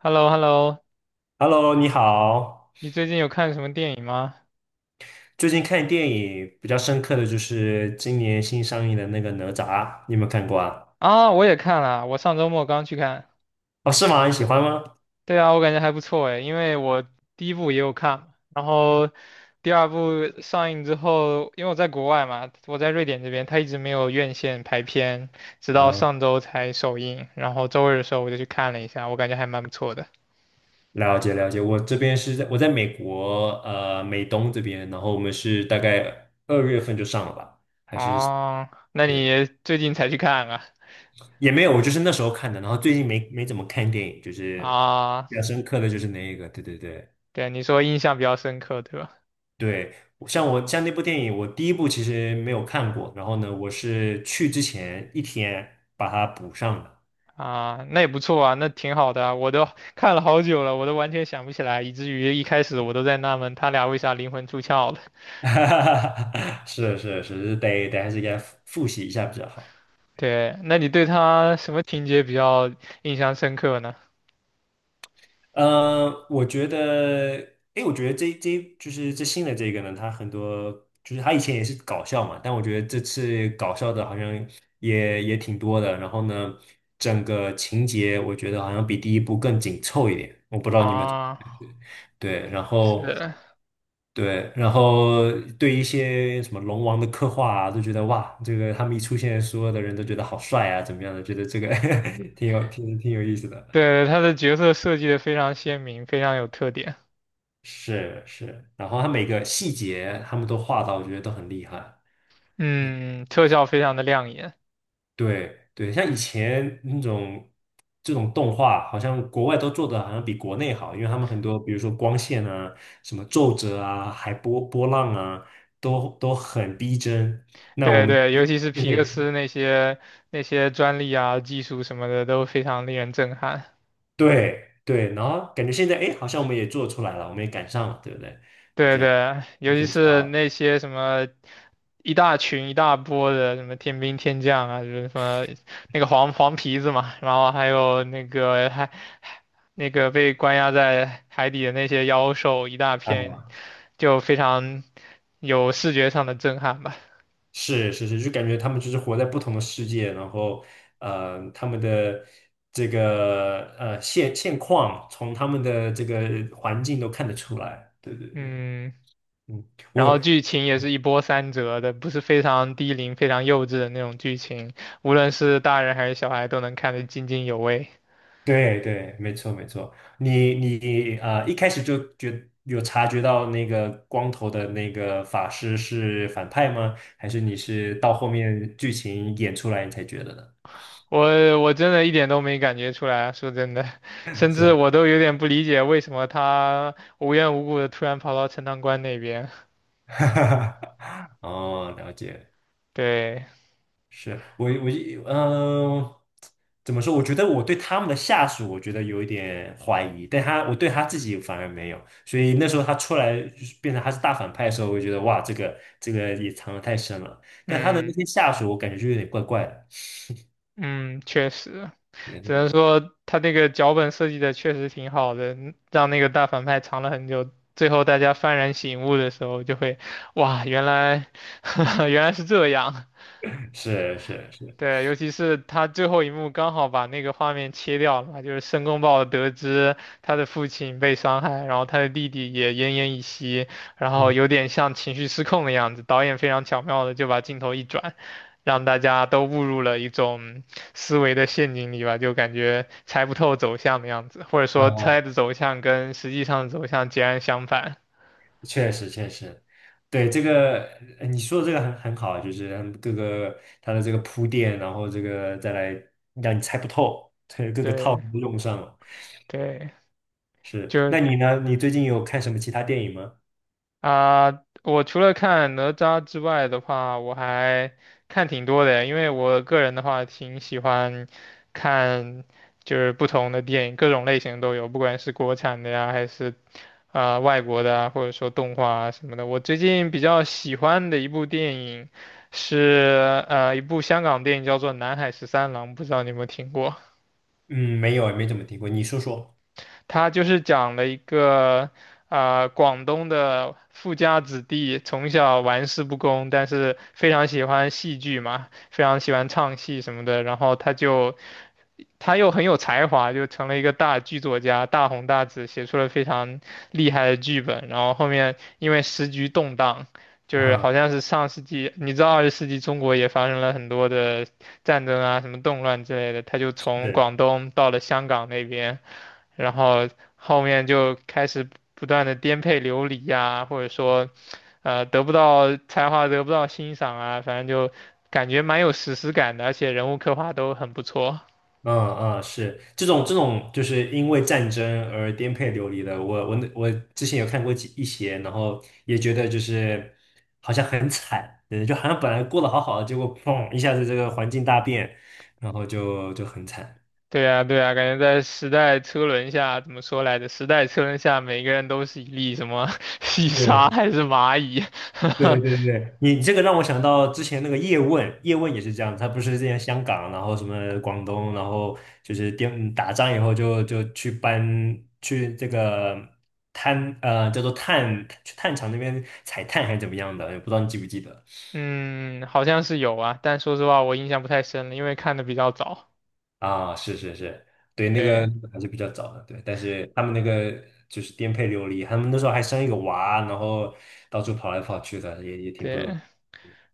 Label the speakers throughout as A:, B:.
A: h e l l o h e l l o
B: Hello，你好。
A: 你最近有看什么电影吗？
B: 最近看电影比较深刻的就是今年新上映的那个《哪吒》，你有没有看过啊？
A: 啊，我也看了，我上周末刚去看。
B: 哦，是吗？你喜欢吗？
A: 对啊，我感觉还不错诶，因为我第一部也有看嘛，然后第二部上映之后，因为我在国外嘛，我在瑞典这边，它一直没有院线排片，直到
B: 嗯，
A: 上周才首映，然后周日的时候我就去看了一下，我感觉还蛮不错的。
B: 了解了解。我这边是在我在美国，美东这边，然后我们是大概二月份就上了吧？
A: 哦，那
B: 对，
A: 你最近才去看啊？
B: 也没有，我就是那时候看的，然后最近没怎么看电影，就是
A: 啊，
B: 比较深刻的就是那一个，对对对。
A: 对，你说印象比较深刻，对吧？
B: 对，我像那部电影，我第一部其实没有看过，然后呢，我是去之前一天把它补上的。
A: 啊，那也不错啊，那挺好的啊我都看了好久了，我都完全想不起来，以至于一开始我都在纳闷他俩为啥灵魂出窍了。
B: 是是是，得还是应该复习一下比较好。
A: 对，那你对他什么情节比较印象深刻呢？
B: 我觉得，诶，我觉得这就是这新的这个呢，它很多就是它以前也是搞笑嘛，但我觉得这次搞笑的好像也挺多的。然后呢，整个情节我觉得好像比第一部更紧凑一点，我不知道你们
A: 啊，
B: 对，然后。
A: 是，
B: 对，然后对一些什么龙王的刻画啊，都觉得哇，这个他们一出现，所有的人都觉得好帅啊，怎么样的？觉得这个 挺有意思的。
A: 对，他的角色设计的非常鲜明，非常有特点，
B: 是是，然后他每个细节他们都画到，我觉得都很厉害。
A: 嗯，特效非常的亮眼。
B: 对对，像以前那种这种动画，好像国外都做的好像比国内好，因为他们很多，比如说光线啊、什么皱褶啊、海波波浪啊，都很逼真。那我
A: 对
B: 们
A: 对，尤其是
B: 因
A: 皮克斯
B: 为。
A: 那些那些专利啊、技术什么的都非常令人震撼。
B: 对对，然后感觉现在哎，诶好像我们也做出来了，我们也赶上了，对不对？
A: 对对，尤
B: 也
A: 其
B: 挺长。
A: 是
B: 的。
A: 那些什么一大群一大波的什么天兵天将啊，就是什么那个黄黄皮子嘛，然后还有那个被关押在海底的那些妖兽一大片，
B: 啊，
A: 就非常有视觉上的震撼吧。
B: 是是是，就感觉他们就是活在不同的世界，然后他们的这个现况，从他们的这个环境都看得出来。对对对，
A: 嗯，
B: 嗯，
A: 然后
B: 我
A: 剧情也是一波三折的，不是非常低龄、非常幼稚的那种剧情，无论是大人还是小孩都能看得津津有味。
B: 对对，没错没错，你啊，一开始就觉有察觉到那个光头的那个法师是反派吗？还是你是到后面剧情演出来你才觉得的？
A: 我真的一点都没感觉出来啊，说真的，甚
B: 是
A: 至
B: 啊，
A: 我都有点不理解为什么他无缘无故的突然跑到陈塘关那边。
B: 哦，了解。
A: 对，
B: 是我嗯、呃怎么说？我觉得我对他们的下属，我觉得有一点怀疑，但他我对他自己反而没有。所以那时候他出来就是变成他是大反派的时候，我就觉得哇，这个这个也藏的太深了。但他的
A: 嗯
B: 那些下属，我感觉就有点怪怪的。
A: 嗯，确实，
B: 对那
A: 只能
B: 个
A: 说他那个脚本设计的确实挺好的，让那个大反派藏了很久，最后大家幡然醒悟的时候，就会，哇，原来 原来是这样。
B: 是是是，
A: 对，尤其是他最后一幕刚好把那个画面切掉了嘛，就是申公豹得知他的父亲被伤害，然后他的弟弟也奄奄一息，然后
B: 嗯
A: 有点像情绪失控的样子。导演非常巧妙的就把镜头一转，让大家都误入了一种思维的陷阱里吧，就感觉猜不透走向的样子，或者说
B: 嗯，
A: 猜的走向跟实际上的走向截然相反。
B: 确实确实，对这个你说的这个很好，就是他们各个他的这个铺垫，然后这个再来让你猜不透，这各个套
A: 对
B: 路都用上了。
A: 对，
B: 是，
A: 就
B: 那你呢？你最近有看什么其他电影吗？
A: 啊，我除了看哪吒之外的话，我还看挺多的，因为我个人的话挺喜欢看，就是不同的电影，各种类型都有，不管是国产的呀，还是啊、外国的啊，或者说动画啊什么的。我最近比较喜欢的一部电影是一部香港电影叫做《南海十三郎》，不知道你有没有听过？
B: 嗯，没有，没怎么听过。你说说。
A: 他就是讲了一个广东的富家子弟从小玩世不恭，但是非常喜欢戏剧嘛，非常喜欢唱戏什么的，然后他又很有才华，就成了一个大剧作家，大红大紫，写出了非常厉害的剧本。然后后面因为时局动荡。就是好
B: 啊？
A: 像是上世纪，你知道二十世纪中国也发生了很多的战争啊，什么动乱之类的。他就从
B: 是，
A: 广东到了香港那边，然后后面就开始不断的颠沛流离呀，或者说得不到才华得不到欣赏啊，反正就感觉蛮有史诗感的，而且人物刻画都很不错。
B: 嗯嗯是，这种就是因为战争而颠沛流离的，我之前有看过几一些，然后也觉得就是好像很惨，对，就好像本来过得好好的，结果砰一下子这个环境大变，然后就很惨。
A: 对呀对呀，感觉在时代车轮下，怎么说来着？时代车轮下，每个人都是一粒什么 细沙
B: 对
A: 还是蚂蚁？
B: 对对对，你这个让我想到之前那个叶问，叶问也是这样，他不是之前香港，然后什么广东，然后就是打仗以后就去搬去这个叫做炭去炭厂那边采炭还是怎么样的，也不知道你记不记得
A: 嗯，好像是有啊，但说实话我印象不太深了，因为看的比较早。
B: 啊？是是是，对，那个
A: 对
B: 还是比较早的，对，但是他们那个就是颠沛流离，他们那时候还生一个娃，然后到处跑来跑去的，也挺不容易，
A: 对，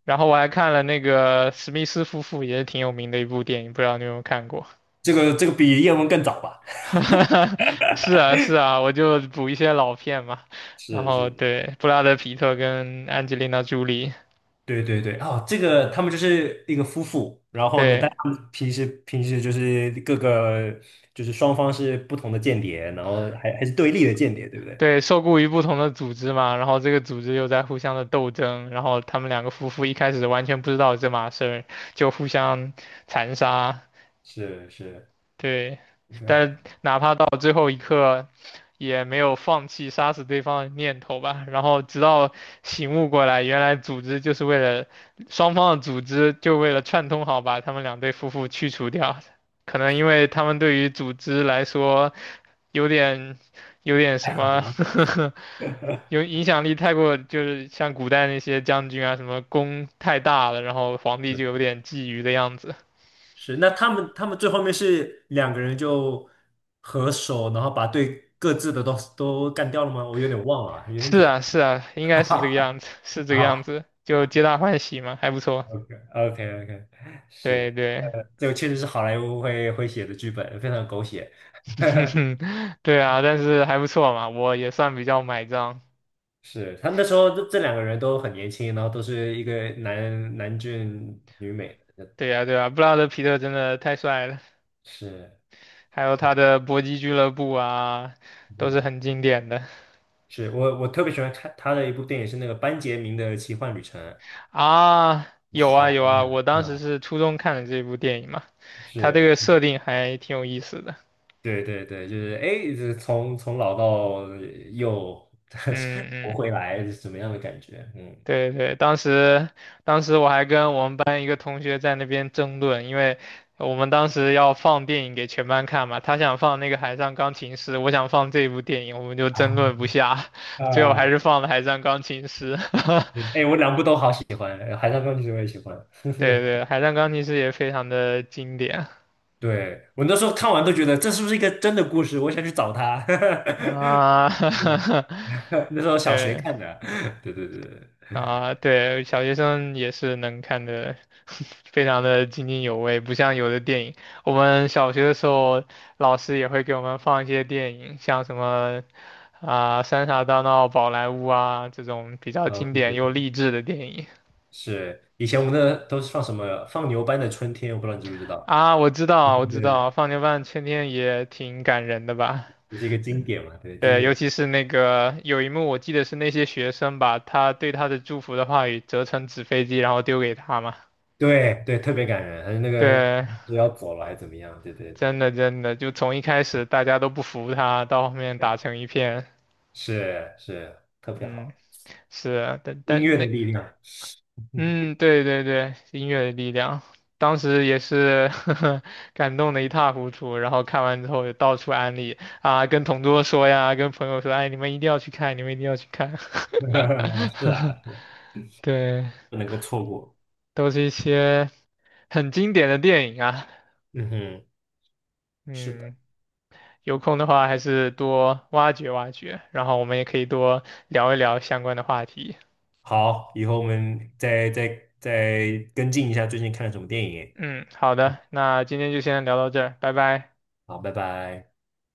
A: 然后我还看了那个史密斯夫妇也是挺有名的一部电影，不知道你有没有看过？
B: 这个这个比叶问更早吧？
A: 是啊，是啊，我就补一些老片嘛。然
B: 是
A: 后
B: 是。
A: 对，布拉德皮特跟安吉丽娜朱莉，
B: 对对对，哦，这个他们就是一个夫妇，然后呢，但
A: 对
B: 他们平时就是各个就是双方是不同的间谍，然后还是对立的间谍，对不对？
A: 对，受雇于不同的组织嘛，然后这个组织又在互相的斗争，然后他们两个夫妇一开始完全不知道这码事儿，就互相残杀，
B: 是是，
A: 对，但哪怕到最后一刻，也没有放弃杀死对方的念头吧。然后直到醒悟过来，原来组织就是为了双方的组织就为了串通好把他们两对夫妇去除掉。可能因为他们对于组织来说有点有点什么
B: 了
A: 有影响力太过，就是像古代那些将军啊，什么功太大了，然后皇帝就
B: 是
A: 有点觊觎的样子。
B: 是，那他们他们最后面是两个人就合手，然后把对各自的都干掉了吗？我有点忘了，有点
A: 是
B: 久
A: 啊，
B: 了
A: 是啊，应该是这个样子，是 这个
B: 啊。
A: 样子，就皆大欢喜嘛，还不错。
B: OK OK OK,
A: 对
B: 是，
A: 对，
B: 这个确实是好莱坞会写的剧本，非常狗血。
A: 对啊，但是还不错嘛，我也算比较买账。
B: 是，他们那时候这两个人都很年轻，然后都是一个男男俊女美的，
A: 对呀，对呀，布拉德皮特真的太帅了，
B: 是
A: 还有
B: 啊，
A: 他的搏击俱乐部啊，都是
B: 嗯，
A: 很经典的
B: 是我特别喜欢看他的一部电影是那个班杰明的奇幻旅程，
A: 啊。有啊
B: 好
A: 有啊，
B: 呀，
A: 我当时
B: 啊，
A: 是初中看的这部电影嘛，他这
B: 是，
A: 个设定还挺有意思的。
B: 对对对，就是哎，这从老到又
A: 嗯
B: 活
A: 嗯
B: 回来是什么样的感觉？嗯
A: 对对，当时我还跟我们班一个同学在那边争论，因为我们当时要放电影给全班看嘛，他想放那个《海上钢琴师》，我想放这部电影，我们就
B: 啊
A: 争论不下，最后还
B: 啊，
A: 是放了《海上钢琴师》
B: 哎，我两部都好喜欢，《海上钢琴师》我也喜欢，
A: 对对，《海上钢琴师》也非常的经典
B: 对，我那时候看完都觉得这是不是一个真的故事？我想去找他。
A: 啊，
B: 对，那时候 小学
A: 对。
B: 看的。对对对对，
A: 啊，对，小学生也是能看的，非常的津津有味，不像有的电影。我们小学的时候，老师也会给我们放一些电影，像什么啊《三傻大闹宝莱坞》啊这种比较
B: 哦
A: 经
B: 对
A: 典
B: 对
A: 又
B: 对，
A: 励志的电影
B: 是以前我们那都是放什么放牛班的春天，我不知道你知不知道？
A: 啊。我知
B: 对
A: 道，
B: 对
A: 我知道，
B: 对，
A: 《放牛班的春天》也挺感人的吧？
B: 也是一个经典嘛，对经
A: 对，尤
B: 典，
A: 其是那个有一幕，我记得是那些学生把他对他的祝福的话语折成纸飞机，然后丢给他嘛。
B: 对对，特别感人。还有那个
A: 对，
B: 不要走了还是怎么样？对对
A: 真
B: 对
A: 的真的，就从一开始大家都不服他，到后面打
B: 对，
A: 成一片，
B: 是是特别
A: 嗯，
B: 好，
A: 是啊，但
B: 音
A: 但
B: 乐的
A: 那，
B: 力量，是
A: 嗯，对对对，音乐的力量，当时也是 感动的一塌糊涂，然后看完之后也到处安利啊，跟同桌说呀，跟朋友说，哎，你们一定要去看，你们一定要去看，
B: 啊是，
A: 对，
B: 不能够错过。
A: 都是一些很经典的电影啊，
B: 嗯哼，是的。
A: 嗯。有空的话还是多挖掘挖掘，然后我们也可以多聊一聊相关的话题。
B: 好，以后我们再跟进一下最近看了什么电影。
A: 嗯，好的，那今天就先聊到这儿，拜拜。
B: 好，拜拜。